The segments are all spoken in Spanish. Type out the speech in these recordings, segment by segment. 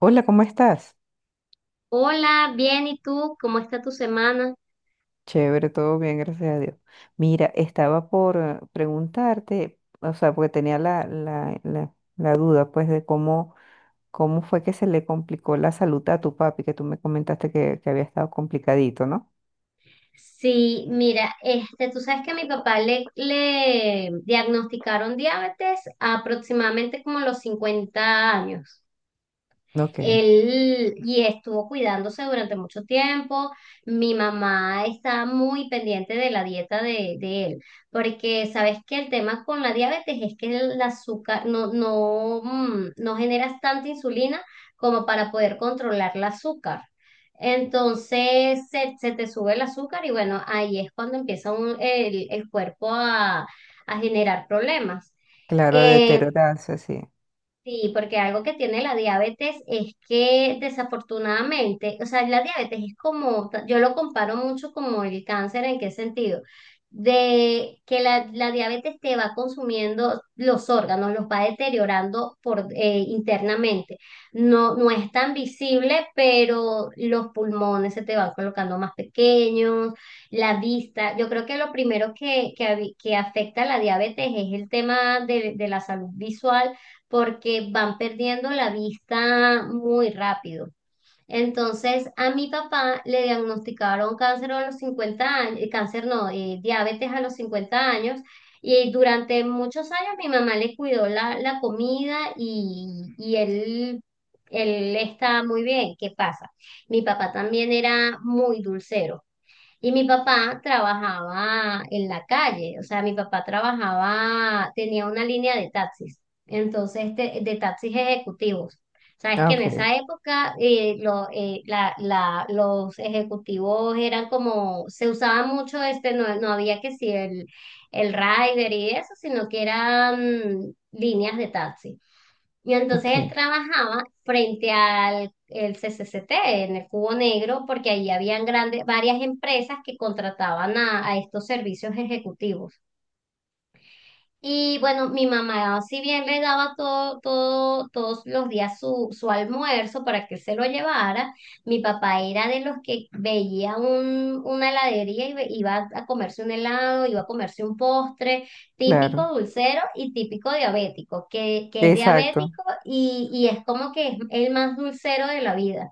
Hola, ¿cómo estás? Hola, bien, ¿y tú? ¿Cómo está tu semana? Chévere, todo bien, gracias a Dios. Mira, estaba por preguntarte, o sea, porque tenía la duda, pues, de cómo fue que se le complicó la salud a tu papi, que tú me comentaste que había estado complicadito, ¿no? Sí, mira, este, tú sabes que a mi papá le diagnosticaron diabetes aproximadamente como a los 50 años. Ok, Él y estuvo cuidándose durante mucho tiempo. Mi mamá está muy pendiente de la dieta de él, porque sabes que el tema con la diabetes es que el azúcar no generas tanta insulina como para poder controlar el azúcar. Entonces se te sube el azúcar y bueno, ahí es cuando empieza el cuerpo a generar problemas. claro, a Eh, deteriorarse, sí. Sí, porque algo que tiene la diabetes es que desafortunadamente, o sea, la diabetes es como, yo lo comparo mucho como el cáncer. ¿En qué sentido? De que la diabetes te va consumiendo los órganos, los va deteriorando por internamente. No, no es tan visible, pero los pulmones se te van colocando más pequeños, la vista. Yo creo que lo primero que afecta a la diabetes es el tema de la salud visual, porque van perdiendo la vista muy rápido. Entonces, a mi papá le diagnosticaron cáncer a los 50 años, cáncer no, diabetes a los 50 años. Y durante muchos años mi mamá le cuidó la comida y él está muy bien. ¿Qué pasa? Mi papá también era muy dulcero. Y mi papá trabajaba en la calle, o sea, mi papá trabajaba, tenía una línea de taxis, entonces de taxis ejecutivos. Sabes Ah, que en Ok, esa época los ejecutivos eran como, se usaba mucho este, no había que si el Rider y eso, sino que eran líneas de taxi. Y entonces él ok, trabajaba frente al el C C C T, en el Cubo Negro, porque ahí habían grandes, varias empresas que contrataban a estos servicios ejecutivos. Y bueno, mi mamá, si bien le daba todo, todo, todos los días su almuerzo para que él se lo llevara, mi papá era de los que veía una heladería y iba a comerse un helado, iba a comerse un postre típico claro. dulcero y típico diabético, que es Exacto, diabético y es como que es el más dulcero de la vida.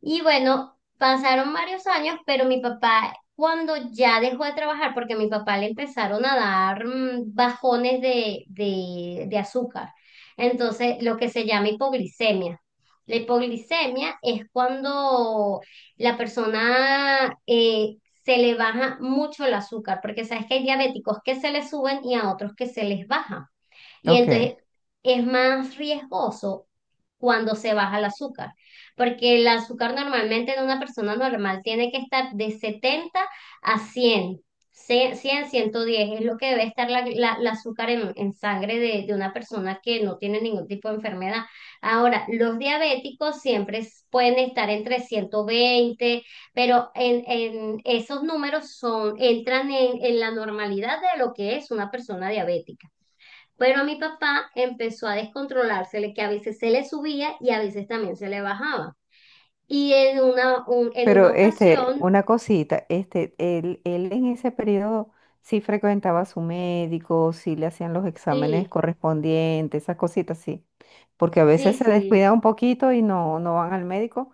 Y bueno, pasaron varios años, pero mi papá, cuando ya dejó de trabajar, porque a mi papá le empezaron a dar bajones de azúcar, entonces lo que se llama hipoglicemia. La hipoglicemia es cuando la persona se le baja mucho el azúcar, porque sabes que hay diabéticos que se les suben y a otros que se les baja. Y ok. entonces es más riesgoso cuando se baja el azúcar, porque el azúcar normalmente en una persona normal tiene que estar de 70 a cien, 110 es lo que debe estar la azúcar en sangre de una persona que no tiene ningún tipo de enfermedad. Ahora, los diabéticos siempre pueden estar entre 120, pero en esos números son, entran en la normalidad de lo que es una persona diabética. Pero a mi papá empezó a descontrolársele, que a veces se le subía y a veces también se le bajaba. Y en en una Pero este, ocasión, una cosita, este, él en ese periodo sí frecuentaba a su médico, sí le hacían los sí, exámenes correspondientes, esas cositas sí. Porque a veces sí, se sí, descuida un poquito y no, no van al médico,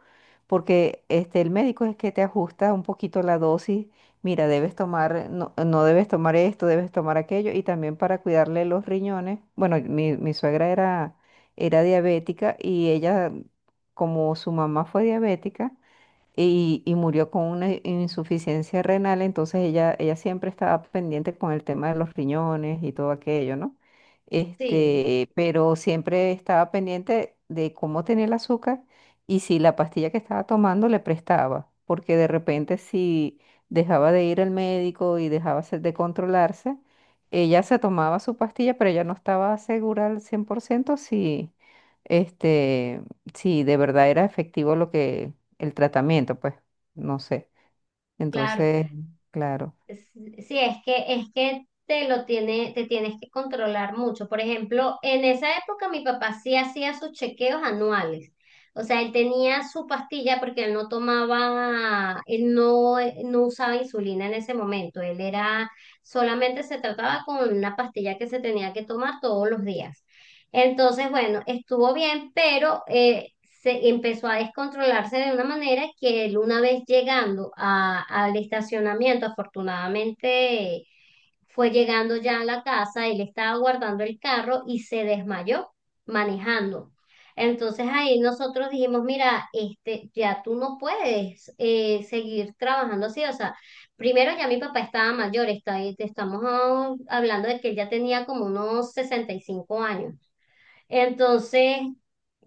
porque este, el médico es que te ajusta un poquito la dosis. Mira, debes tomar, no, no debes tomar esto, debes tomar aquello, y también para cuidarle los riñones. Bueno, mi suegra era diabética y ella, como su mamá fue diabética, y murió con una insuficiencia renal, entonces ella siempre estaba pendiente con el tema de los riñones y todo aquello, ¿no? sí, Este, pero siempre estaba pendiente de cómo tenía el azúcar y si la pastilla que estaba tomando le prestaba, porque de repente si dejaba de ir al médico y dejaba de controlarse, ella se tomaba su pastilla, pero ella no estaba segura al 100% si, este, si de verdad era efectivo lo que el tratamiento, pues, no sé. claro. Entonces, claro, S- Sí, es que te lo tiene, te tienes que controlar mucho. Por ejemplo, en esa época mi papá sí hacía sus chequeos anuales. O sea, él tenía su pastilla, porque él no tomaba, él no usaba insulina en ese momento. Él era, solamente se trataba con una pastilla que se tenía que tomar todos los días. Entonces, bueno, estuvo bien, pero se empezó a descontrolarse de una manera que él una vez llegando al estacionamiento, afortunadamente eh, fue llegando ya a la casa, él estaba guardando el carro y se desmayó manejando. Entonces ahí nosotros dijimos, mira, este, ya tú no puedes seguir trabajando así, o sea, primero ya mi papá estaba mayor, está, estamos hablando de que él ya tenía como unos 65 años. Entonces,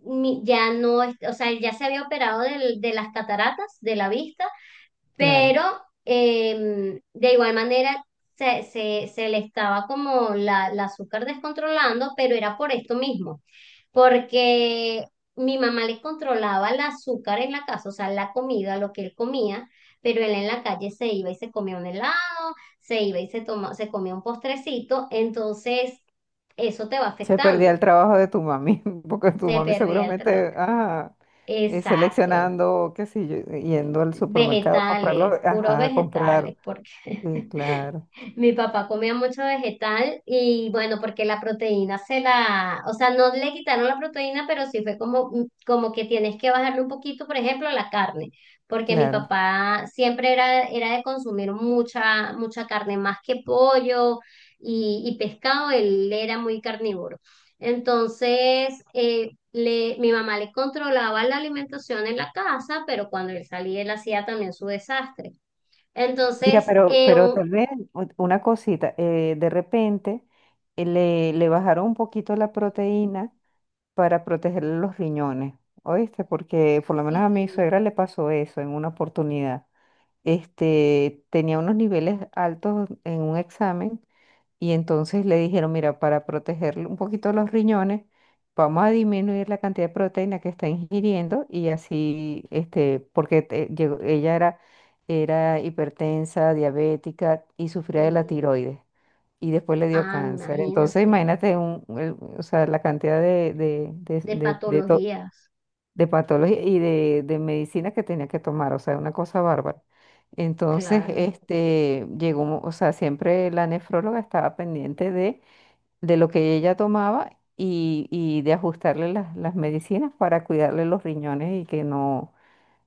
ya no, o sea, él ya se había operado de las cataratas, de la vista, claro. pero de igual manera se le estaba como la azúcar descontrolando, pero era por esto mismo, porque mi mamá le controlaba el azúcar en la casa, o sea, la comida, lo que él comía, pero él en la calle se iba y se comía un helado, se iba y se toma, se comía un postrecito, entonces eso te va Se perdía el afectando. trabajo de tu mami, porque tu Se mami perdía el trabajo. seguramente, ajá, Exacto. seleccionando, qué sé yo, yendo al supermercado a comprarlo, Vegetales, puros ajá, a comprar. vegetales, porque Sí, claro, mi papá comía mucho vegetal y bueno, porque la proteína se la, o sea, no le quitaron la proteína, pero sí fue como, como que tienes que bajarle un poquito, por ejemplo, la carne, porque mi claro. papá siempre era, era de consumir mucha, mucha carne, más que pollo y pescado, él era muy carnívoro. Entonces, le, mi mamá le controlaba la alimentación en la casa, pero cuando él salía, él hacía también su desastre. Mira, Entonces, pero, pero tal vez una cosita, de repente le bajaron un poquito la proteína para protegerle los riñones, ¿oíste? Porque por lo menos a mi sí, suegra le pasó eso en una oportunidad. Este, tenía unos niveles altos en un examen y entonces le dijeron, mira, para protegerle un poquito los riñones, vamos a disminuir la cantidad de proteína que está ingiriendo y así, este, porque ella era hipertensa, diabética y sufría de la sí. tiroides y después le dio Ah, cáncer. Entonces, imagínate, imagínate o sea, la cantidad de, de, de, de de- de to- patologías, de patología y de medicina que tenía que tomar, o sea, una cosa bárbara. Entonces, claro, este, llegó, o sea, siempre la nefróloga estaba pendiente de lo que ella tomaba y de ajustarle las medicinas para cuidarle los riñones y que no,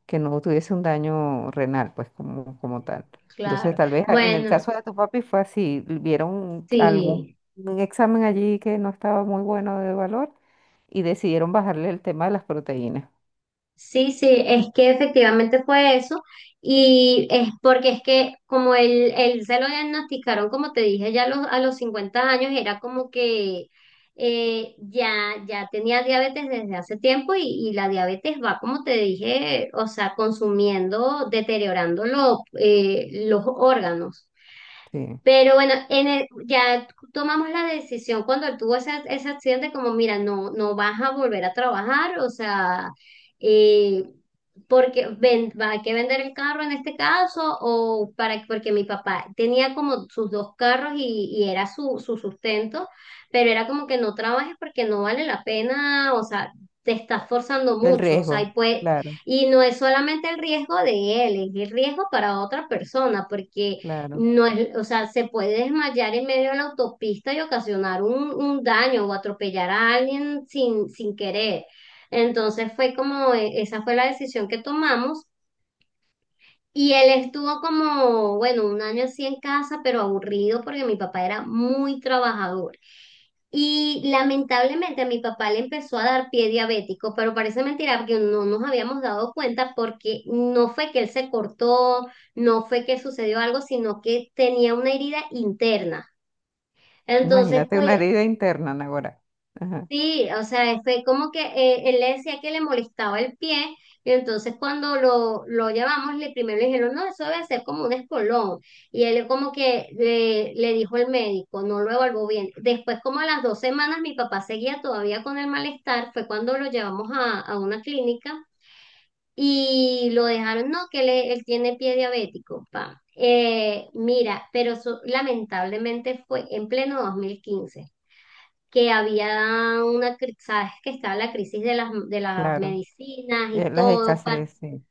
que no tuviese un daño renal, pues como tal. Entonces, claro. tal vez en el Bueno, caso de tu papi fue así, vieron algún sí, un examen allí que no estaba muy bueno de valor y decidieron bajarle el tema de las proteínas. sí, sí, es que efectivamente fue eso, y es porque es que como él se lo diagnosticaron, como te dije, ya a los 50 años era como que ya, ya tenía diabetes desde hace tiempo y la diabetes va, como te dije, o sea, consumiendo, deteriorando los órganos. Sí, Pero bueno, en ya tomamos la decisión cuando él tuvo ese, ese accidente, como mira, no, no vas a volver a trabajar, o sea, eh, porque ven, va, hay que vender el carro en este caso, o para, porque mi papá tenía como sus dos carros y era su sustento, pero era como que no trabajes porque no vale la pena, o sea, te estás forzando el mucho, o sea, y riesgo, pues, claro, y no es solamente el riesgo de él, es el riesgo para otra persona, porque claro. no es, o sea, se puede desmayar en medio de la autopista y ocasionar un daño o atropellar a alguien sin querer. Entonces fue como esa fue la decisión que tomamos y él estuvo como, bueno, un año así en casa, pero aburrido porque mi papá era muy trabajador. Y lamentablemente a mi papá le empezó a dar pie diabético, pero parece mentira porque no nos habíamos dado cuenta, porque no fue que él se cortó, no fue que sucedió algo, sino que tenía una herida interna. Entonces, Imagínate pues una herida interna, Nagora. Ajá, sí, o sea, fue como que él le decía que le molestaba el pie, y entonces cuando lo llevamos, le primero le dijeron, no, eso debe ser como un espolón, y él como que le dijo el médico, no lo evaluó bien. Después, como a las 2 semanas, mi papá seguía todavía con el malestar, fue cuando lo llevamos a una clínica, y lo dejaron, no, que él tiene pie diabético, pa. Mira, pero eso lamentablemente fue en pleno 2015, que había una, sabes que estaba la crisis de las, claro. medicinas y Las todo, para, escasez, sí,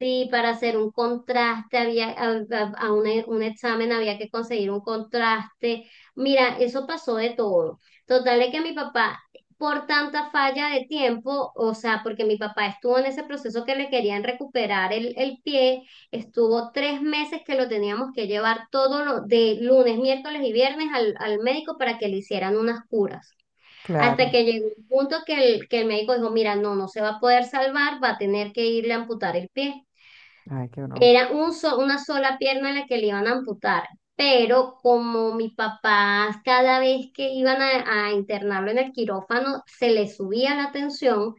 sí, para hacer un contraste, había, un examen había que conseguir un contraste. Mira, eso pasó de todo. Total de que mi papá, por tanta falla de tiempo, o sea, porque mi papá estuvo en ese proceso que le querían recuperar el pie, estuvo 3 meses que lo teníamos que llevar todo lo, de lunes, miércoles y viernes al médico para que le hicieran unas curas. Hasta claro. que llegó un punto que el médico dijo, mira, no, no se va a poder salvar, va a tener que irle a amputar el pie. Ay, qué horror. Era una sola pierna la que le iban a amputar, pero como mi papá cada vez que iban a internarlo en el quirófano se le subía la tensión,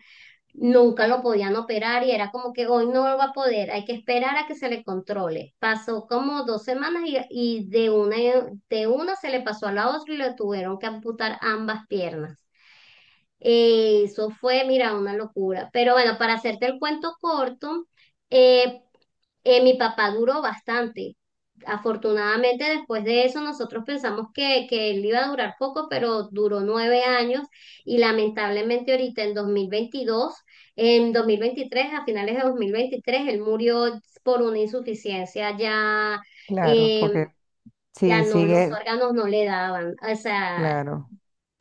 nunca lo podían operar y era como que hoy no lo va a poder, hay que esperar a que se le controle. Pasó como 2 semanas y de una se le pasó a la otra y le tuvieron que amputar ambas piernas. Eso fue, mira, una locura. Pero bueno, para hacerte el cuento corto, eh, mi papá duró bastante. Afortunadamente, después de eso, nosotros pensamos que él iba a durar poco, pero duró 9 años, y lamentablemente ahorita en 2022, en 2023, a finales de 2023 él murió por una insuficiencia ya Claro, porque eh, ya sí, no, los sigue, órganos no le daban. O sea, claro,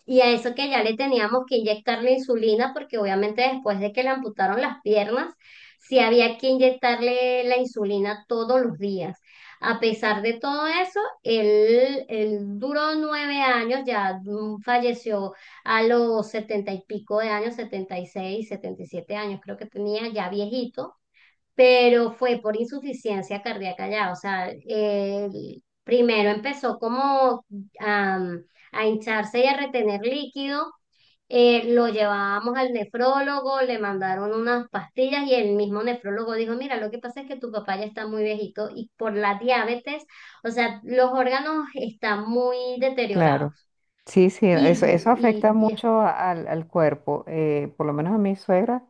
y a eso que ya le teníamos que inyectar la insulina, porque obviamente después de que le amputaron las piernas, sí había que inyectarle la insulina todos los días. A pesar de todo eso, él duró 9 años, ya falleció a los setenta y pico de años, 76, 77 años, creo que tenía, ya viejito, pero fue por insuficiencia cardíaca ya, o sea, él primero empezó como am, a hincharse y a retener líquido, lo llevábamos al nefrólogo, le mandaron unas pastillas y el mismo nefrólogo dijo, mira, lo que pasa es que tu papá ya está muy viejito y por la diabetes, o sea, los órganos están muy claro. deteriorados Sí, sí, y, eso y, afecta y es mucho al cuerpo. Por lo menos a mi suegra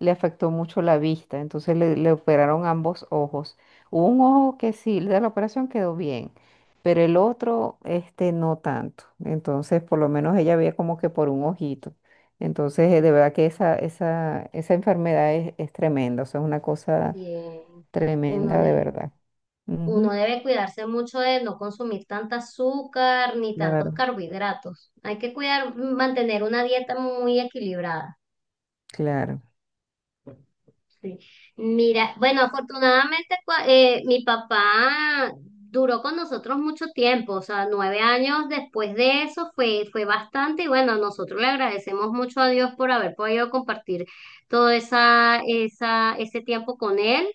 le afectó mucho la vista, entonces le operaron ambos ojos. Hubo un ojo que sí, de la operación quedó bien, pero el otro, este, no tanto. Entonces, por lo menos ella veía como que por un ojito. Entonces, de verdad que esa enfermedad es tremenda, o sea, es una cosa que uno tremenda de de, verdad. uno Ujú, debe cuidarse mucho de no consumir tanta azúcar ni tantos Claro. carbohidratos. Hay que cuidar, mantener una dieta muy equilibrada. Claro. Sí. Mira, bueno, afortunadamente mi papá duró con nosotros mucho tiempo, o sea, 9 años después de eso fue, fue bastante y bueno, nosotros le agradecemos mucho a Dios por haber podido compartir todo esa, esa, ese tiempo con él.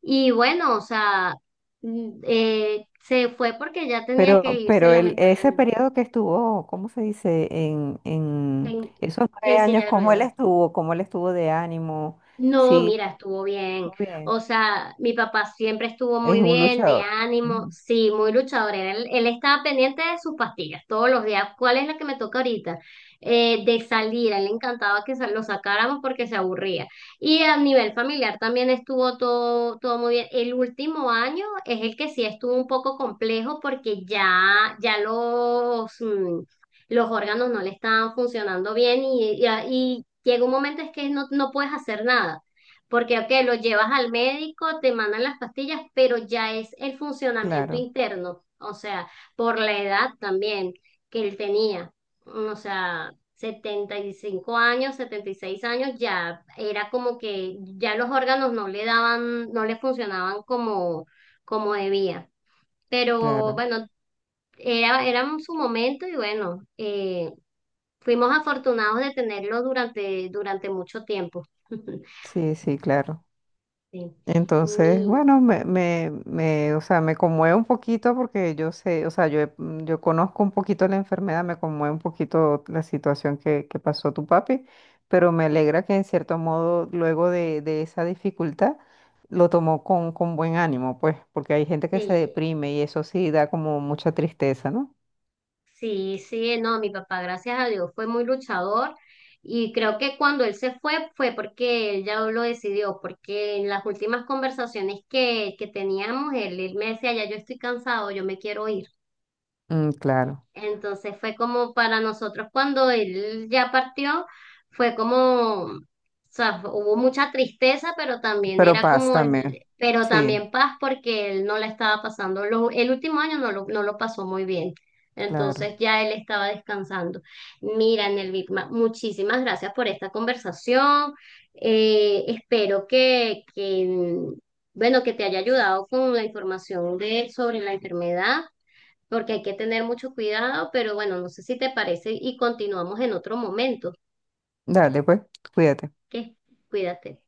Y bueno, o sea, se fue porque ya tenía que Pero, irse pero ese lamentablemente periodo que estuvo, ¿cómo se dice? En en, esos nueve en años, silla de ¿cómo él ruedas. estuvo? ¿Cómo él estuvo de ánimo? No, Sí, mira, estuvo bien. muy bien. O sea, mi papá siempre estuvo Es muy un bien, de luchador. ánimo, Ujú, sí, muy luchador. Él estaba pendiente de sus pastillas todos los días. ¿Cuál es la que me toca ahorita? De salir, a él le encantaba que lo sacáramos porque se aburría. Y a nivel familiar también estuvo todo, todo muy bien. El último año es el que sí estuvo un poco complejo porque ya los órganos no le estaban funcionando bien y llega un momento es que no, no puedes hacer nada, porque ok, lo llevas al médico, te mandan las pastillas, pero ya es el funcionamiento Claro, interno, o sea, por la edad también que él tenía, o sea, 75 años, 76 años, ya era como que ya los órganos no le daban, no le funcionaban como, debía. Pero claro. bueno, era su momento y bueno, fuimos afortunados de tenerlo durante mucho tiempo. Sí, sí, claro. Sí. Entonces, Mi, bueno, me, o sea, me conmueve un poquito porque yo sé, o sea, yo conozco un poquito la enfermedad, me conmueve un poquito la situación que pasó tu papi, pero me alegra que en cierto modo, luego de esa dificultad, lo tomó con buen ánimo, pues, porque hay gente que se sí, deprime y eso sí da como mucha tristeza, ¿no? sí, sí, no, mi papá, gracias a Dios, fue muy luchador, y creo que cuando él se fue, fue porque él ya lo decidió, porque en las últimas conversaciones que teníamos, él me decía, ya yo estoy cansado, yo me quiero ir. Mm, claro, Entonces fue como para nosotros cuando él ya partió, fue como, o sea, hubo mucha tristeza, pero también pero era paz como el, también. pero Sí, también paz porque él no la estaba pasando, el último año no lo, no lo pasó muy bien. claro. Entonces ya él estaba descansando. Mira, Nelvigma, muchísimas gracias por esta conversación. Espero que bueno, que te haya ayudado con la información de, sobre la enfermedad, porque hay que tener mucho cuidado, pero bueno, no sé si te parece y continuamos en otro momento. Dale, pues, cuídate. ¿Qué? Cuídate.